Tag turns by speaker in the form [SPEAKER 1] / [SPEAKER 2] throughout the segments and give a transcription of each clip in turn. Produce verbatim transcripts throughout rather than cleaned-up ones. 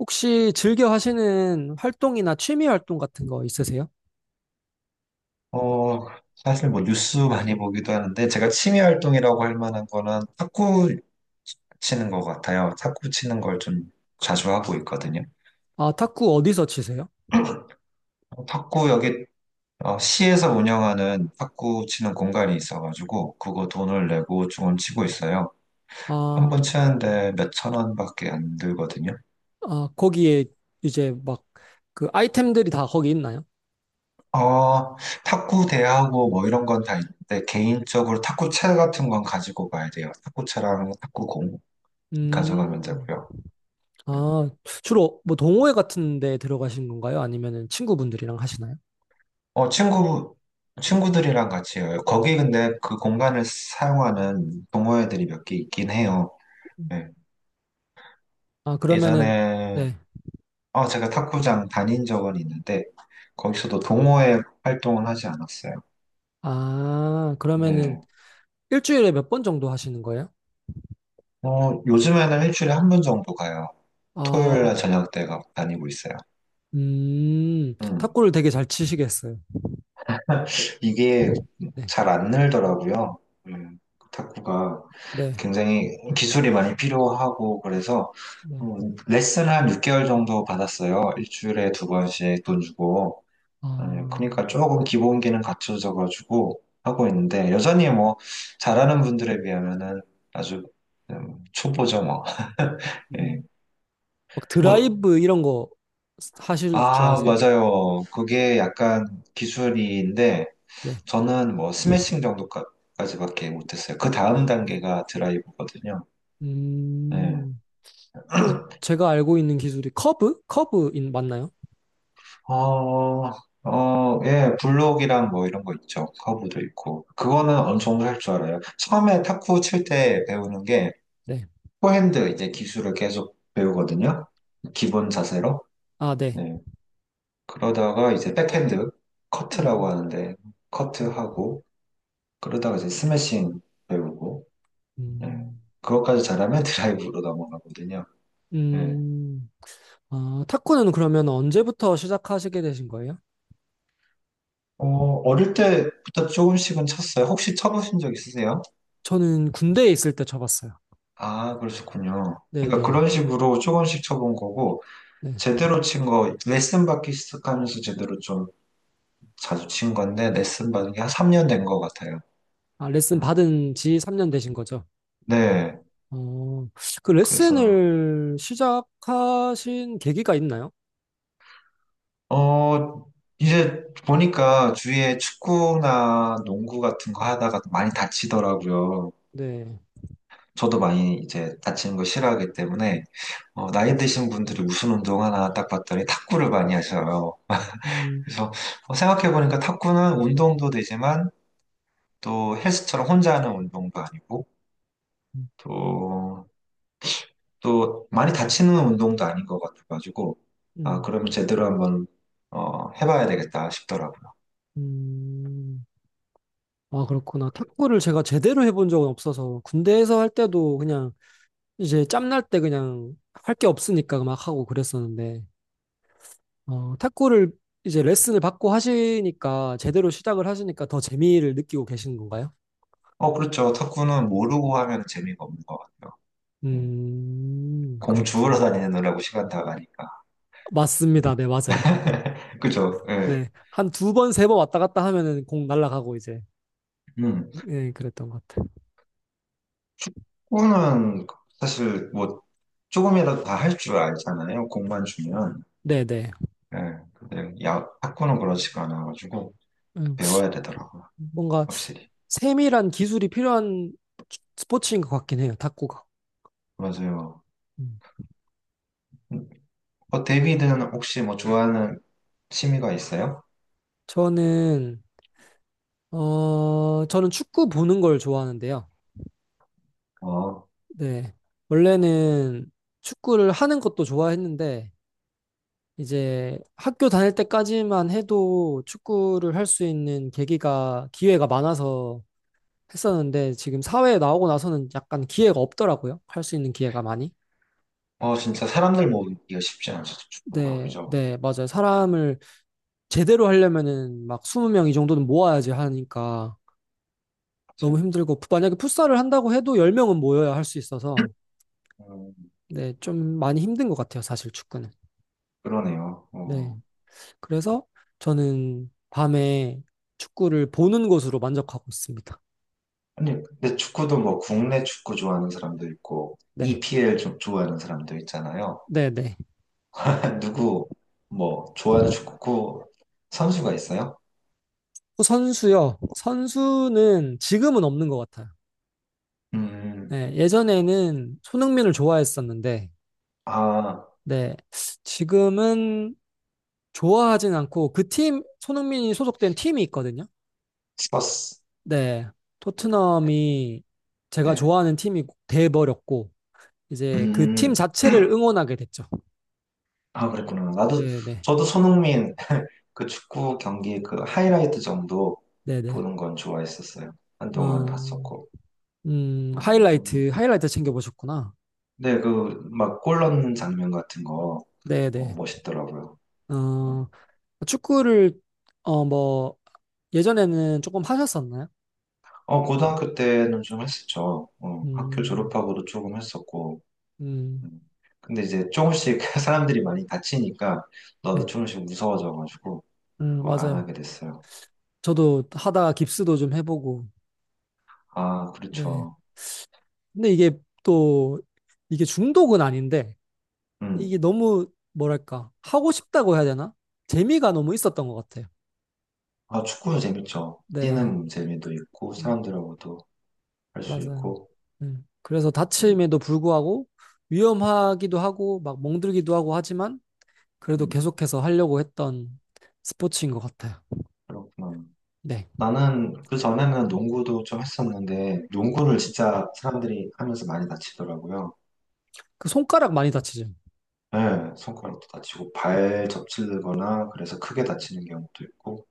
[SPEAKER 1] 혹시 즐겨 하시는 활동이나 취미 활동 같은 거 있으세요?
[SPEAKER 2] 어, 사실 뭐 뉴스 많이 보기도 하는데 제가 취미 활동이라고 할 만한 거는 탁구 치는 것 같아요. 탁구 치는 걸 좀 자주 하고 있거든요.
[SPEAKER 1] 아, 탁구 어디서 치세요?
[SPEAKER 2] 어, 탁구 여기 어, 시에서 운영하는 탁구 치는 공간이 있어가지고 그거 돈을 내고 조금 치고 있어요. 한
[SPEAKER 1] 아,
[SPEAKER 2] 번 치는데 몇천 원밖에 안 들거든요.
[SPEAKER 1] 아, 거기에 이제 막 그 아이템들이 다 거기 있나요?
[SPEAKER 2] 어, 탁구 대하고 뭐 이런 건 다 있는데 개인적으로 탁구채 같은 건 가지고 가야 돼요. 탁구채랑 탁구공 가져가면
[SPEAKER 1] 음,
[SPEAKER 2] 되고요.
[SPEAKER 1] 아, 주로 뭐 동호회 같은 데 들어가신 건가요? 아니면은 친구분들이랑 하시나요?
[SPEAKER 2] 어, 친구, 친구들이랑 같이 해요. 거기 근데 그 공간을 사용하는 동호회들이 몇 개 있긴 해요. 예.
[SPEAKER 1] 아, 그러면은,
[SPEAKER 2] 예전에,
[SPEAKER 1] 네.
[SPEAKER 2] 어, 제가 탁구장 다닌 적은 있는데, 거기서도 동호회 활동은 하지 않았어요.
[SPEAKER 1] 아, 그러면은
[SPEAKER 2] 네.
[SPEAKER 1] 일주일에 몇 번 정도 하시는 거예요?
[SPEAKER 2] 어, 요즘에는 일주일에 한 번 정도 가요. 토요일 날
[SPEAKER 1] 아,
[SPEAKER 2] 저녁 때 가- 다니고 있어요.
[SPEAKER 1] 음,
[SPEAKER 2] 음.
[SPEAKER 1] 탁구를 되게 잘 치시겠어요.
[SPEAKER 2] 이게
[SPEAKER 1] 네,
[SPEAKER 2] 잘 안 늘더라고요. 음, 탁구가
[SPEAKER 1] 네,
[SPEAKER 2] 굉장히 기술이 많이 필요하고 그래서
[SPEAKER 1] 네.
[SPEAKER 2] 음, 레슨 한 육 개월 정도 받았어요. 일주일에 두 번씩 돈 주고. 예,
[SPEAKER 1] 아,
[SPEAKER 2] 그러니까 조금 기본기는 갖춰져 가지고 하고 있는데 여전히 뭐 잘하는 분들에 비하면은 아주 음, 초보죠 뭐. 예.
[SPEAKER 1] 음. 막
[SPEAKER 2] 뭐,
[SPEAKER 1] 드라이브 이런 거 하실 줄
[SPEAKER 2] 아,
[SPEAKER 1] 아세요?
[SPEAKER 2] 맞아요. 그게 약간 기술인데
[SPEAKER 1] 네.
[SPEAKER 2] 저는 뭐 스매싱 정도까지밖에 못했어요. 그 다음 단계가 드라이브거든요. 예.
[SPEAKER 1] 음, 또 제가 알고 있는 기술이 커브? 커브인 맞나요?
[SPEAKER 2] 어, 어, 예, 블록이랑 뭐 이런 거 있죠. 커브도 있고. 그거는 어느 정도 할 줄 알아요. 처음에 탁구 칠 때 배우는 게
[SPEAKER 1] 네.
[SPEAKER 2] 포핸드 이제 기술을 계속 배우거든요. 기본 자세로.
[SPEAKER 1] 아, 네.
[SPEAKER 2] 예. 그러다가 이제 백핸드 커트라고
[SPEAKER 1] 음,
[SPEAKER 2] 하는데
[SPEAKER 1] 음,
[SPEAKER 2] 커트하고 그러다가 이제 스매싱 배우고. 예.
[SPEAKER 1] 음,
[SPEAKER 2] 그것까지 잘하면 드라이브로 넘어가거든요. 예.
[SPEAKER 1] 음. 아, 탁구는 그러면 언제부터 시작하시게 되신 거예요?
[SPEAKER 2] 어, 어릴 때부터 조금씩은 쳤어요. 혹시 쳐보신 적 있으세요?
[SPEAKER 1] 저는 군대에 있을 때 쳐봤어요.
[SPEAKER 2] 아, 그러셨군요.
[SPEAKER 1] 네,
[SPEAKER 2] 그러니까
[SPEAKER 1] 네.
[SPEAKER 2] 그런 식으로 조금씩 쳐본 거고,
[SPEAKER 1] 네.
[SPEAKER 2] 제대로 친 거, 레슨 받기 시작하면서 제대로 좀 자주 친 건데, 레슨 받은 게 한 삼 년 된 것 같아요.
[SPEAKER 1] 아, 레슨
[SPEAKER 2] 음,
[SPEAKER 1] 받은 지 삼 년 되신 거죠?
[SPEAKER 2] 네,
[SPEAKER 1] 어, 그
[SPEAKER 2] 그래서,
[SPEAKER 1] 레슨을 시작하신 계기가 있나요?
[SPEAKER 2] 어, 이제 보니까 주위에 축구나 농구 같은 거 하다가 많이 다치더라고요.
[SPEAKER 1] 네.
[SPEAKER 2] 저도 많이 이제 다치는 거 싫어하기 때문에 어, 나이 드신 분들이 무슨 운동 하나 딱 봤더니 탁구를 많이 하셔요.
[SPEAKER 1] 음,
[SPEAKER 2] 그래서 어, 생각해보니까 탁구는 운동도 되지만 또 헬스처럼 혼자 하는 운동도 아니고
[SPEAKER 1] 음.
[SPEAKER 2] 또, 또 많이 다치는 운동도 아닌 것 같아가지고 아,
[SPEAKER 1] 음.
[SPEAKER 2] 그러면 제대로 한번 어, 해봐야 되겠다 싶더라고요.
[SPEAKER 1] 음, 아, 그렇구나.
[SPEAKER 2] 그래요.
[SPEAKER 1] 탁구를 제가 제대로 해본 적은 없어서, 군대에서 할 때도 그냥, 이제 짬날 때 그냥 할 게 없으니까 막 하고 그랬었는데, 어, 탁구를 이제 레슨을 받고 하시니까, 제대로 시작을 하시니까 더 재미를 느끼고 계시는 건가요?
[SPEAKER 2] 어, 그렇죠. 탁구는 모르고 하면 재미가 없는 것 같아요. 음,
[SPEAKER 1] 음,
[SPEAKER 2] 공 주우러
[SPEAKER 1] 그렇구나.
[SPEAKER 2] 다니느라고 시간 다 가니까.
[SPEAKER 1] 맞습니다. 네, 맞아요.
[SPEAKER 2] 그죠? 예.
[SPEAKER 1] 네. 한 두 번, 세 번 왔다 갔다 하면은 공 날아가고 이제,
[SPEAKER 2] 음.
[SPEAKER 1] 예, 그랬던 것 같아요.
[SPEAKER 2] 축구는 사실 뭐 조금이라도 다 할 줄 알잖아요. 공만 주면.
[SPEAKER 1] 네네.
[SPEAKER 2] 예. 근데 야, 탁구는 그렇지가 않아가지고 배워야 되더라고요.
[SPEAKER 1] 뭔가
[SPEAKER 2] 확실히.
[SPEAKER 1] 세밀한 기술이 필요한 스포츠인 것 같긴 해요, 탁구가.
[SPEAKER 2] 맞아요.
[SPEAKER 1] 음.
[SPEAKER 2] 음, 어, 데이비드는 혹시 뭐 좋아하는 취미가 있어요?
[SPEAKER 1] 저는, 어, 저는 축구 보는 걸 좋아하는데요.
[SPEAKER 2] 어,
[SPEAKER 1] 네. 원래는 축구를 하는 것도 좋아했는데, 이제 학교 다닐 때까지만 해도 축구를 할 수 있는 계기가, 기회가 많아서 했었는데, 지금 사회에 나오고 나서는 약간 기회가 없더라고요. 할 수 있는 기회가 많이.
[SPEAKER 2] 어, 진짜 사람들 모으기가 쉽지 않죠. 축구가.
[SPEAKER 1] 네,
[SPEAKER 2] 그죠?
[SPEAKER 1] 네, 맞아요. 사람을 제대로 하려면은 막 이십 명 이 정도는 모아야지 하니까
[SPEAKER 2] 맞아요.
[SPEAKER 1] 너무 힘들고 만약에 풋살을 한다고 해도 십 명은 모여야 할 수 있어서
[SPEAKER 2] 음,
[SPEAKER 1] 네, 좀 많이 힘든 것 같아요, 사실 축구는.
[SPEAKER 2] 그러네요.
[SPEAKER 1] 네.
[SPEAKER 2] 어.
[SPEAKER 1] 그래서 저는 밤에 축구를 보는 것으로 만족하고 있습니다.
[SPEAKER 2] 아니, 근데 축구도 뭐 국내 축구 좋아하는 사람도 있고
[SPEAKER 1] 네.
[SPEAKER 2] 이피엘 좀 좋아하는 사람도 있잖아요.
[SPEAKER 1] 네, 네.
[SPEAKER 2] 누구 뭐 좋아하는 축구 선수가 있어요?
[SPEAKER 1] 그 선수요. 선수는 지금은 없는 것 같아요.
[SPEAKER 2] 음,
[SPEAKER 1] 네, 예전에는 손흥민을 좋아했었는데
[SPEAKER 2] 아,
[SPEAKER 1] 네. 지금은 좋아하진 않고 그 팀, 손흥민이 소속된 팀이 있거든요.
[SPEAKER 2] 스퍼스.
[SPEAKER 1] 네, 토트넘이 제가
[SPEAKER 2] 네.
[SPEAKER 1] 좋아하는 팀이 돼버렸고, 이제 그 팀
[SPEAKER 2] 음,
[SPEAKER 1] 자체를 응원하게 됐죠.
[SPEAKER 2] 아, 그랬구나. 나도,
[SPEAKER 1] 네네,
[SPEAKER 2] 저도 손흥민 그 축구 경기 그 하이라이트 정도
[SPEAKER 1] 네네.
[SPEAKER 2] 보는 건 좋아했었어요. 한동안
[SPEAKER 1] 어,
[SPEAKER 2] 봤었고.
[SPEAKER 1] 음,
[SPEAKER 2] 어,
[SPEAKER 1] 하이라이트, 하이라이트 챙겨보셨구나.
[SPEAKER 2] 네, 그, 막 골 넣는 장면 같은 거 어,
[SPEAKER 1] 네네.
[SPEAKER 2] 멋있더라고요. 네.
[SPEAKER 1] 어, 축구를, 어, 뭐, 예전에는 조금 하셨었나요?
[SPEAKER 2] 어, 고등학교 때는 좀 했었죠. 어, 학교
[SPEAKER 1] 음,
[SPEAKER 2] 졸업하고도 조금 했었고.
[SPEAKER 1] 음,
[SPEAKER 2] 음. 근데 이제 조금씩 사람들이 많이 다치니까 나도
[SPEAKER 1] 네,
[SPEAKER 2] 조금씩 무서워져가지고
[SPEAKER 1] 음,
[SPEAKER 2] 어, 안
[SPEAKER 1] 맞아요.
[SPEAKER 2] 하게 됐어요.
[SPEAKER 1] 저도 하다가 깁스도 좀 해보고,
[SPEAKER 2] 아,
[SPEAKER 1] 네.
[SPEAKER 2] 그렇죠.
[SPEAKER 1] 근데 이게 또, 이게 중독은 아닌데,
[SPEAKER 2] 음.
[SPEAKER 1] 이게 너무 뭐랄까 하고 싶다고 해야 되나? 재미가 너무 있었던 것 같아요.
[SPEAKER 2] 아, 축구도 재밌죠.
[SPEAKER 1] 네,
[SPEAKER 2] 뛰는 재미도 있고
[SPEAKER 1] 음,
[SPEAKER 2] 사람들하고도 할 수
[SPEAKER 1] 맞아요.
[SPEAKER 2] 있고.
[SPEAKER 1] 음, 그래서
[SPEAKER 2] 음,
[SPEAKER 1] 다침에도 불구하고 위험하기도 하고 막 멍들기도 하고 하지만 그래도
[SPEAKER 2] 음,
[SPEAKER 1] 계속해서 하려고 했던 스포츠인 것 같아요.
[SPEAKER 2] 그렇구나.
[SPEAKER 1] 네,
[SPEAKER 2] 나는 그 전에는 농구도 좀 했었는데
[SPEAKER 1] 음,
[SPEAKER 2] 농구를 진짜 사람들이 하면서 많이 다치더라고요.
[SPEAKER 1] 그 손가락 많이 다치죠.
[SPEAKER 2] 네, 손가락도 다치고 발 접질거나 그래서 크게 다치는 경우도 있고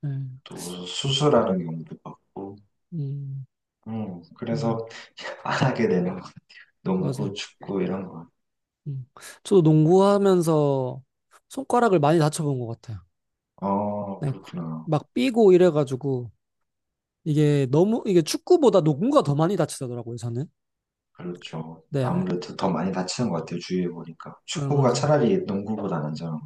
[SPEAKER 1] 네,
[SPEAKER 2] 또 수술하는 경우도 있고.
[SPEAKER 1] 음,
[SPEAKER 2] 음,
[SPEAKER 1] 맞아요,
[SPEAKER 2] 그래서 안 하게 되는 것 같아요. 농구,
[SPEAKER 1] 맞아요.
[SPEAKER 2] 축구 이런 거.
[SPEAKER 1] 음. 저도 농구하면서 손가락을 많이 다쳐본 것 같아요.
[SPEAKER 2] 어,
[SPEAKER 1] 네,
[SPEAKER 2] 그렇구나.
[SPEAKER 1] 막 삐고 이래가지고. 이게 너무 이게 축구보다 농구가 더 많이 다치더라고요, 저는.
[SPEAKER 2] 그렇죠.
[SPEAKER 1] 네,
[SPEAKER 2] 아무래도 더 많이 다치는 것 같아요. 주위에 보니까. 축구가
[SPEAKER 1] 얼맞아요
[SPEAKER 2] 차라리 농구보다 낫잖아.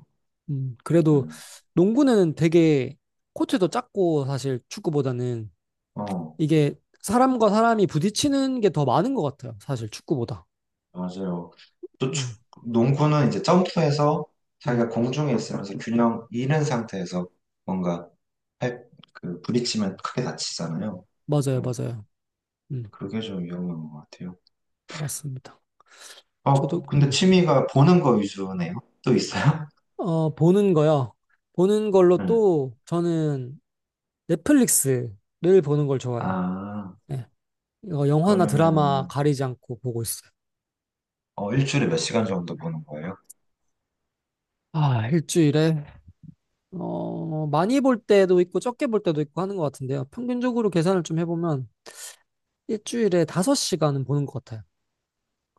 [SPEAKER 1] 음, 그래도
[SPEAKER 2] 음.
[SPEAKER 1] 농구는 되게 코트도 작고 사실 축구보다는
[SPEAKER 2] 어,
[SPEAKER 1] 이게 사람과 사람이 부딪히는 게 더 많은 것 같아요, 사실 축구보다.
[SPEAKER 2] 맞아요. 또
[SPEAKER 1] 음,
[SPEAKER 2] 축, 농구는 이제 점프해서
[SPEAKER 1] 음,
[SPEAKER 2] 자기가 공중에 있으면서 균형 잃은 상태에서 뭔가 팔, 그 부딪히면 크게 다치잖아요.
[SPEAKER 1] 맞아요,
[SPEAKER 2] 음,
[SPEAKER 1] 맞아요. 음,
[SPEAKER 2] 그게 좀 위험한 것 같아요.
[SPEAKER 1] 맞습니다. 저도
[SPEAKER 2] 어, 근데
[SPEAKER 1] 음,
[SPEAKER 2] 취미가 보는 거 위주네요. 또 있어요?
[SPEAKER 1] 어, 보는 거요. 보는 걸로
[SPEAKER 2] 음.
[SPEAKER 1] 또 저는 넷플릭스를 보는 걸 좋아해요.
[SPEAKER 2] 아,
[SPEAKER 1] 네, 이거 영화나 드라마
[SPEAKER 2] 그러면은
[SPEAKER 1] 가리지 않고 보고 있어요.
[SPEAKER 2] 어, 일주일에 몇 시간 정도 보는 거예요?
[SPEAKER 1] 아, 일주일에 어, 많이 볼 때도 있고 적게 볼 때도 있고 하는 것 같은데요. 평균적으로 계산을 좀 해보면 일주일에 다섯 시간은 보는 것 같아요.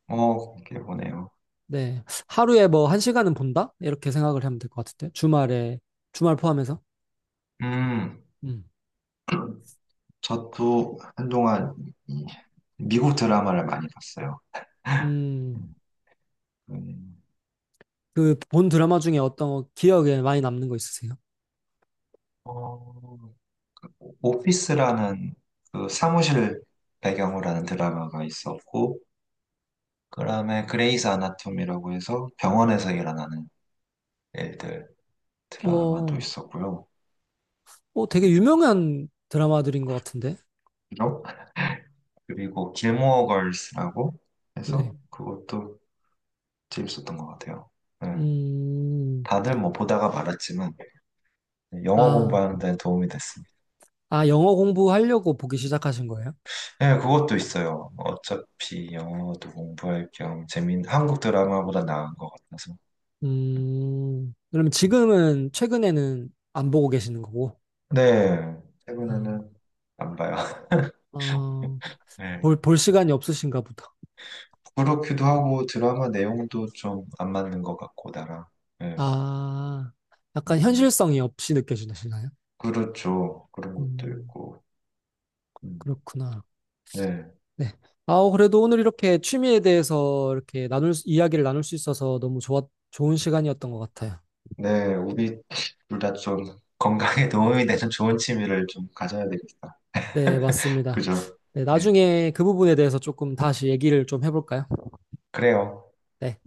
[SPEAKER 2] 어, 그렇게 보네요.
[SPEAKER 1] 네. 하루에 뭐 한 시간은 본다? 이렇게 생각을 하면 될 것 같은데. 주말에, 주말 포함해서.
[SPEAKER 2] 음,
[SPEAKER 1] 음.
[SPEAKER 2] 저도 한동안 이 미국 드라마를 많이 봤어요.
[SPEAKER 1] 음,
[SPEAKER 2] 음, 음,
[SPEAKER 1] 그 본 드라마 중에 어떤 기억에 많이 남는 거 있으세요?
[SPEAKER 2] 어, 오피스라는 그 사무실 배경으로 하는 드라마가 있었고, 그다음에 그레이스 아나토미라고 해서 병원에서 일어나는 일들 드라마도
[SPEAKER 1] 어,
[SPEAKER 2] 있었고요.
[SPEAKER 1] 어, 되게
[SPEAKER 2] 음,
[SPEAKER 1] 유명한 드라마들인 것 같은데.
[SPEAKER 2] 그죠? 그리고 길모어 걸스라고 해서
[SPEAKER 1] 네.
[SPEAKER 2] 그것도 재밌었던 것 같아요. 네.
[SPEAKER 1] 음,
[SPEAKER 2] 다들 뭐 보다가 말았지만 영어
[SPEAKER 1] 아,
[SPEAKER 2] 공부하는 데는 도움이 됐습니다.
[SPEAKER 1] 아, 영어 공부하려고 보기 시작하신 거예요?
[SPEAKER 2] 예, 그것도 있어요. 어차피 영어도 공부할 겸 재밌는 한국 드라마보다 나은 것 같아서.
[SPEAKER 1] 음, 그러면 지금은 최근에는 안 보고 계시는 거고,
[SPEAKER 2] 네,
[SPEAKER 1] 아,
[SPEAKER 2] 최근에는 안 봐요.
[SPEAKER 1] 어,
[SPEAKER 2] 예,
[SPEAKER 1] 볼, 볼 시간이 없으신가 보다.
[SPEAKER 2] 부끄럽기도 하고 드라마 내용도 좀 안 맞는 것 같고 나랑. 예,
[SPEAKER 1] 아, 약간
[SPEAKER 2] 맞아요.
[SPEAKER 1] 현실성이 없이 느껴지시나요?
[SPEAKER 2] 그렇죠. 그런 것도
[SPEAKER 1] 음,
[SPEAKER 2] 있고. 음,
[SPEAKER 1] 그렇구나.
[SPEAKER 2] 네,
[SPEAKER 1] 네. 아우, 그래도 오늘 이렇게 취미에 대해서 이렇게 나눌, 수- 이야기를 나눌 수 있어서 너무 좋았, 좋은 시간이었던 것 같아요.
[SPEAKER 2] 네, 우리 둘 다 좀 건강에 도움이 되는 좋은 취미를 좀 가져야 되겠다.
[SPEAKER 1] 네, 맞습니다.
[SPEAKER 2] 그죠?
[SPEAKER 1] 네,
[SPEAKER 2] 예,
[SPEAKER 1] 나중에 그 부분에 대해서 조금 다시 얘기를 좀 해볼까요?
[SPEAKER 2] 그래요.
[SPEAKER 1] 네.